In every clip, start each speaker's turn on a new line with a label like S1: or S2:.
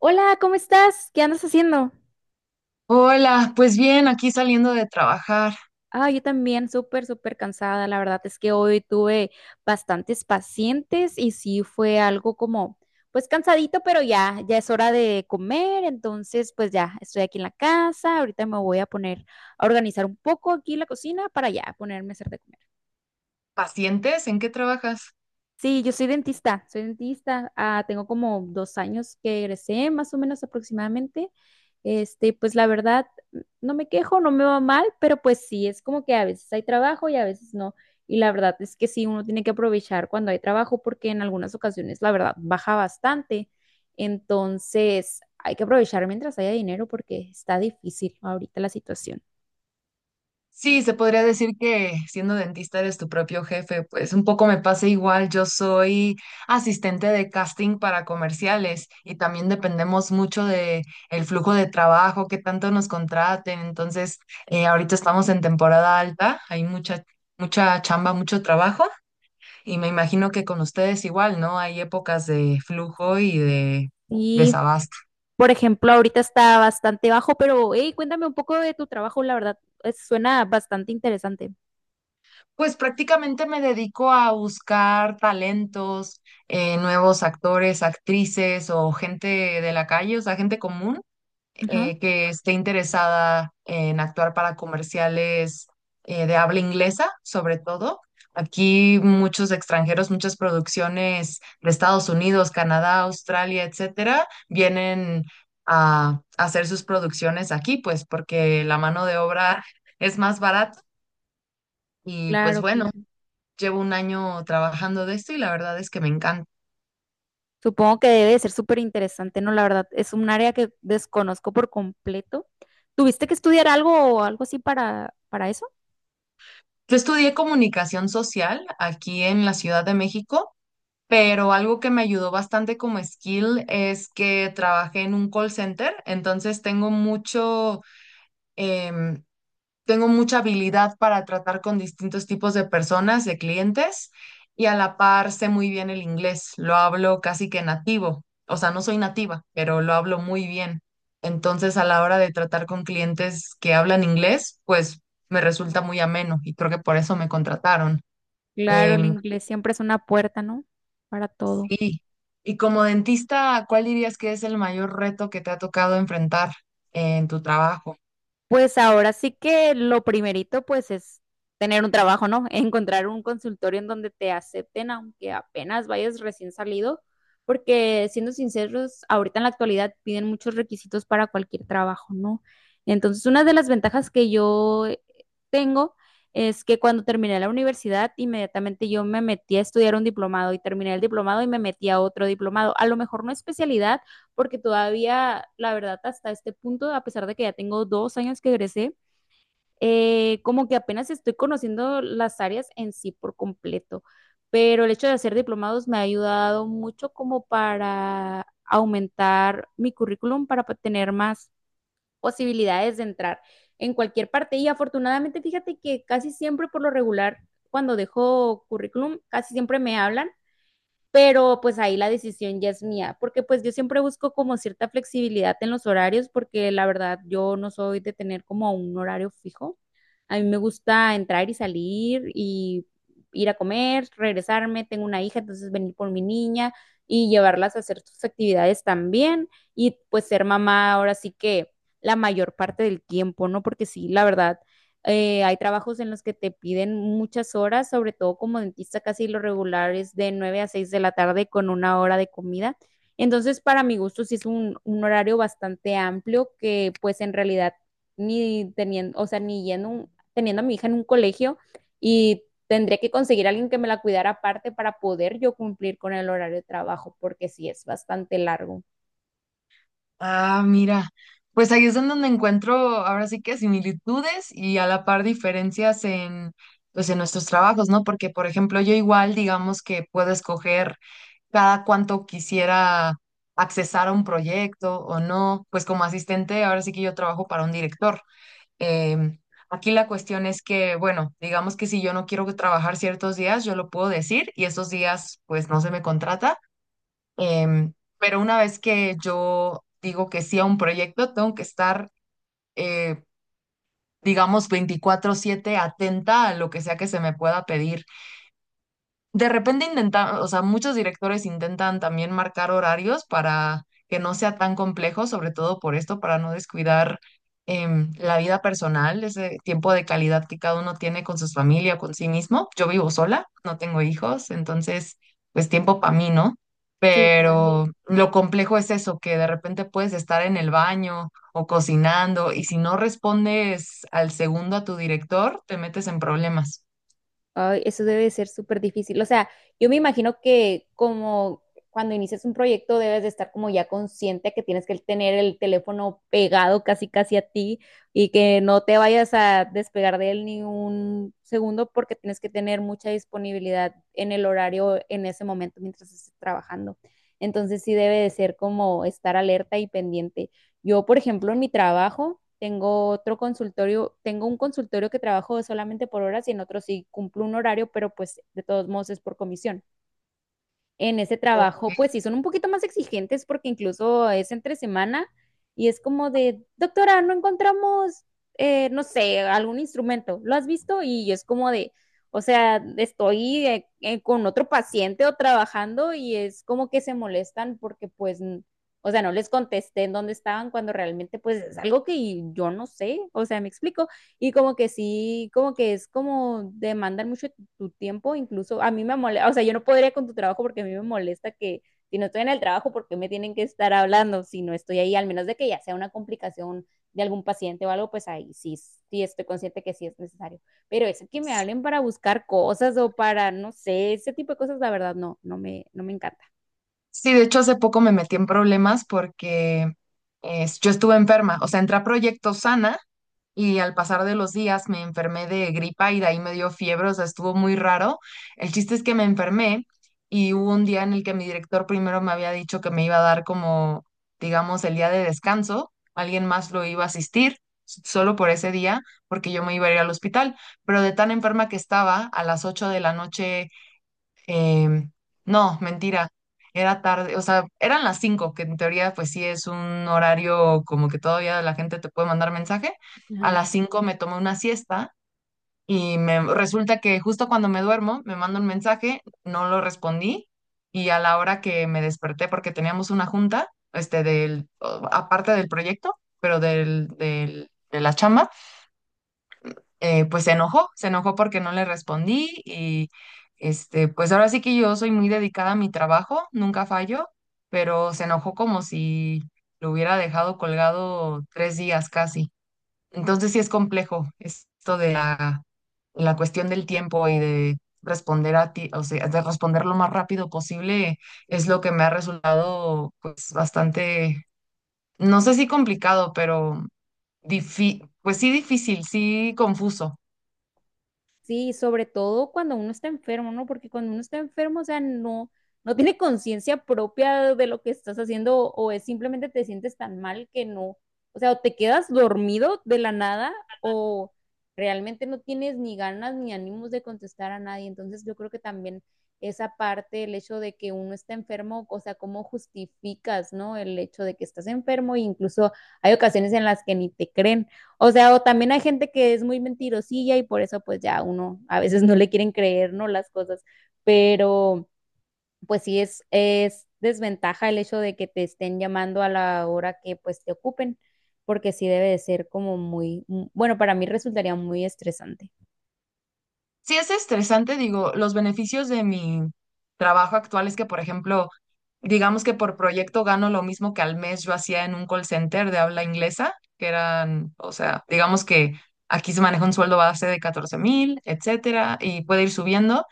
S1: Hola, ¿cómo estás? ¿Qué andas haciendo?
S2: Hola, pues bien, aquí saliendo de trabajar.
S1: Ah, yo también, súper, súper cansada. La verdad es que hoy tuve bastantes pacientes y sí fue algo como, pues cansadito, pero ya, ya es hora de comer. Entonces, pues ya, estoy aquí en la casa. Ahorita me voy a poner a organizar un poco aquí la cocina para ya ponerme a hacer de comer.
S2: ¿Pacientes? ¿En qué trabajas?
S1: Sí, yo soy dentista, soy dentista. Ah, tengo como dos años que egresé, más o menos aproximadamente. Pues la verdad, no me quejo, no me va mal, pero pues sí, es como que a veces hay trabajo y a veces no. Y la verdad es que sí, uno tiene que aprovechar cuando hay trabajo porque en algunas ocasiones la verdad baja bastante. Entonces, hay que aprovechar mientras haya dinero porque está difícil ahorita la situación.
S2: Sí, se podría decir que siendo dentista eres tu propio jefe, pues un poco me pasa igual. Yo soy asistente de casting para comerciales y también dependemos mucho de el flujo de trabajo, qué tanto nos contraten. Entonces, ahorita estamos en temporada alta, hay mucha, mucha chamba, mucho trabajo y me imagino que con ustedes igual, ¿no? Hay épocas de flujo y de
S1: Y
S2: desabasto.
S1: por ejemplo, ahorita está bastante bajo, pero hey, cuéntame un poco de tu trabajo, la verdad, suena bastante interesante.
S2: Pues prácticamente me dedico a buscar talentos, nuevos actores, actrices o gente de la calle, o sea, gente común
S1: Ajá.
S2: que esté interesada en actuar para comerciales de habla inglesa, sobre todo. Aquí muchos extranjeros, muchas producciones de Estados Unidos, Canadá, Australia, etcétera, vienen a hacer sus producciones aquí, pues porque la mano de obra es más barata y pues
S1: Claro,
S2: bueno.
S1: claro.
S2: Llevo un año trabajando de esto y la verdad es que me encanta.
S1: Supongo que debe de ser súper interesante, ¿no? La verdad, es un área que desconozco por completo. ¿Tuviste que estudiar algo o algo así para eso?
S2: Yo estudié comunicación social aquí en la Ciudad de México, pero algo que me ayudó bastante como skill es que trabajé en un call center, entonces tengo mucho, em, tengo mucha habilidad para tratar con distintos tipos de personas, de clientes, y a la par sé muy bien el inglés, lo hablo casi que nativo, o sea, no soy nativa, pero lo hablo muy bien. Entonces, a la hora de tratar con clientes que hablan inglés, pues me resulta muy ameno y creo que por eso me contrataron.
S1: Claro, el
S2: Em,
S1: inglés siempre es una puerta, ¿no? Para todo.
S2: sí. Y como dentista, ¿cuál dirías que es el mayor reto que te ha tocado enfrentar en tu trabajo?
S1: Pues ahora sí que lo primerito pues es tener un trabajo, ¿no? Encontrar un consultorio en donde te acepten aunque apenas vayas recién salido, porque siendo sinceros, ahorita en la actualidad piden muchos requisitos para cualquier trabajo, ¿no? Entonces, una de las ventajas que yo tengo es que cuando terminé la universidad, inmediatamente yo me metí a estudiar un diplomado y terminé el diplomado y me metí a otro diplomado. A lo mejor no especialidad, porque todavía, la verdad, hasta este punto, a pesar de que ya tengo dos años que egresé, como que apenas estoy conociendo las áreas en sí por completo, pero el hecho de hacer diplomados me ha ayudado mucho como para aumentar mi currículum, para tener más posibilidades de entrar en cualquier parte. Y afortunadamente, fíjate que casi siempre por lo regular, cuando dejo currículum, casi siempre me hablan, pero pues ahí la decisión ya es mía, porque pues yo siempre busco como cierta flexibilidad en los horarios, porque la verdad yo no soy de tener como un horario fijo. A mí me gusta entrar y salir y ir a comer, regresarme, tengo una hija, entonces venir por mi niña y llevarlas a hacer sus actividades también y pues ser mamá ahora sí que la mayor parte del tiempo, ¿no? Porque sí, la verdad, hay trabajos en los que te piden muchas horas, sobre todo como dentista, casi lo regular es de 9 a 6 de la tarde con una hora de comida. Entonces, para mi gusto, sí es un horario bastante amplio que pues en realidad ni teniendo, o sea, ni yendo teniendo a mi hija en un colegio y tendría que conseguir a alguien que me la cuidara aparte para poder yo cumplir con el horario de trabajo, porque sí es bastante largo.
S2: Ah, mira, pues ahí es en donde encuentro ahora sí que similitudes y a la par diferencias en, pues en nuestros trabajos, ¿no? Porque, por ejemplo, yo igual, digamos que puedo escoger cada cuánto quisiera accesar a un proyecto o no, pues como asistente, ahora sí que yo trabajo para un director. Em, Aquí la cuestión es que, bueno, digamos que si yo no quiero trabajar ciertos días, yo lo puedo decir y esos días, pues no se me contrata. Em, pero una vez que yo digo que sí a un proyecto, tengo que estar, eh, digamos, 24/7 atenta a lo que sea que se me pueda pedir. De repente intentan, o sea, muchos directores intentan también marcar horarios para que no sea tan complejo, sobre todo por esto, para no descuidar la vida personal, ese tiempo de calidad que cada uno tiene con su familia, con sí mismo. Yo vivo sola, no tengo hijos, entonces, pues tiempo para mí, ¿no?
S1: Sí, claro.
S2: Pero lo complejo es eso, que de repente puedes estar en el baño o cocinando y si no respondes al segundo a tu director, te metes en problemas.
S1: Ay, eso debe de ser súper difícil. O sea, yo me imagino que como cuando inicias un proyecto debes de estar como ya consciente que tienes que tener el teléfono pegado casi casi a ti y que no te vayas a despegar de él ni un segundo porque tienes que tener mucha disponibilidad en el horario en ese momento mientras estés trabajando. Entonces sí debe de ser como estar alerta y pendiente. Yo, por ejemplo, en mi trabajo tengo otro consultorio, tengo un consultorio que trabajo solamente por horas y en otro sí cumplo un horario, pero pues de todos modos es por comisión en ese trabajo, pues
S2: Ok.
S1: sí, son un poquito más exigentes porque incluso es entre semana y es como de, doctora, no encontramos, no sé, algún instrumento, ¿lo has visto? Y es como de, o sea, estoy con otro paciente o trabajando y es como que se molestan porque pues, o sea, no les contesté en dónde estaban cuando realmente pues es algo que yo no sé, o sea, me explico. Y como que sí, como que es como demandan mucho tu tiempo, incluso a mí me molesta, o sea, yo no podría con tu trabajo porque a mí me molesta que si no estoy en el trabajo, ¿por qué me tienen que estar hablando si no estoy ahí? Al menos de que ya sea una complicación de algún paciente o algo, pues ahí sí, sí estoy consciente que sí es necesario. Pero eso que me hablen para buscar cosas o para, no sé, ese tipo de cosas, la verdad, no, no me encanta.
S2: Sí, de hecho hace poco me metí en problemas porque yo estuve enferma, o sea, entré a proyecto sana y al pasar de los días me enfermé de gripa y de ahí me dio fiebre, o sea, estuvo muy raro. El chiste es que me enfermé y hubo un día en el que mi director primero me había dicho que me iba a dar como, digamos, el día de descanso, alguien más lo iba a asistir solo por ese día porque yo me iba a ir al hospital, pero de tan enferma que estaba, a las 8 de la noche. Em, no, mentira. Era tarde, o sea, eran las 5 que en teoría pues sí es un horario como que todavía la gente te puede mandar mensaje. A
S1: Ajá.
S2: las 5 me tomé una siesta y me resulta que justo cuando me duermo me manda un mensaje, no lo respondí y a la hora que me desperté porque teníamos una junta, aparte del proyecto, pero del de la chamba, pues se enojó porque no le respondí y pues ahora sí que yo soy muy dedicada a mi trabajo, nunca fallo, pero se enojó como si lo hubiera dejado colgado 3 días casi. Entonces sí es complejo esto de la, la cuestión del tiempo y de responder a ti, o sea, de responder lo más rápido posible es lo que me ha resultado pues bastante, no sé si complicado, pero pues sí difícil, sí confuso.
S1: Sí, sobre todo cuando uno está enfermo, ¿no? Porque cuando uno está enfermo, o sea, no tiene conciencia propia de lo que estás haciendo o es simplemente te sientes tan mal que no, o sea, o te quedas dormido de la nada o realmente no tienes ni ganas ni ánimos de contestar a nadie. Entonces, yo creo que también esa parte, el hecho de que uno está enfermo, o sea, cómo justificas, ¿no? El hecho de que estás enfermo e incluso hay ocasiones en las que ni te creen. O sea, o también hay gente que es muy mentirosilla y por eso pues ya uno a veces no le quieren creer, ¿no? Las cosas, pero pues sí es desventaja el hecho de que te estén llamando a la hora que pues te ocupen, porque sí debe de ser como muy, bueno, para mí resultaría muy estresante.
S2: Sí, es estresante, digo, los beneficios de mi trabajo actual es que, por ejemplo, digamos que por proyecto gano lo mismo que al mes yo hacía en un call center de habla inglesa, que eran, o sea, digamos que aquí se maneja un sueldo base de 14.000, etcétera, y puede ir subiendo.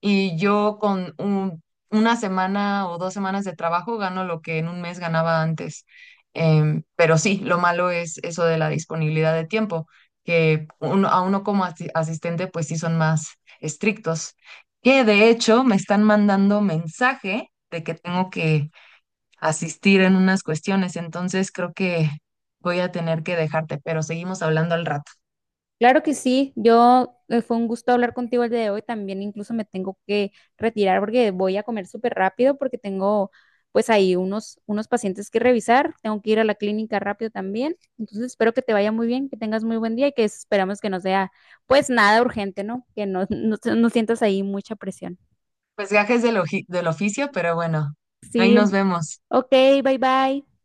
S2: Y yo con una semana o 2 semanas de trabajo gano lo que en un mes ganaba antes. Pero sí, lo malo es eso de la disponibilidad de tiempo, que uno, a uno como asistente pues sí son más estrictos. Que de hecho me están mandando mensaje de que tengo que asistir en unas cuestiones, entonces creo que voy a tener que dejarte, pero seguimos hablando al rato.
S1: Claro que sí, yo fue un gusto hablar contigo el día de hoy. También incluso me tengo que retirar porque voy a comer súper rápido porque tengo pues ahí unos pacientes que revisar. Tengo que ir a la clínica rápido también. Entonces espero que te vaya muy bien, que tengas muy buen día y que esperamos que no sea pues nada urgente, ¿no? Que no, no sientas ahí mucha presión.
S2: Pues gajes del oficio, pero bueno, ahí
S1: Sí,
S2: nos vemos.
S1: ok, bye bye.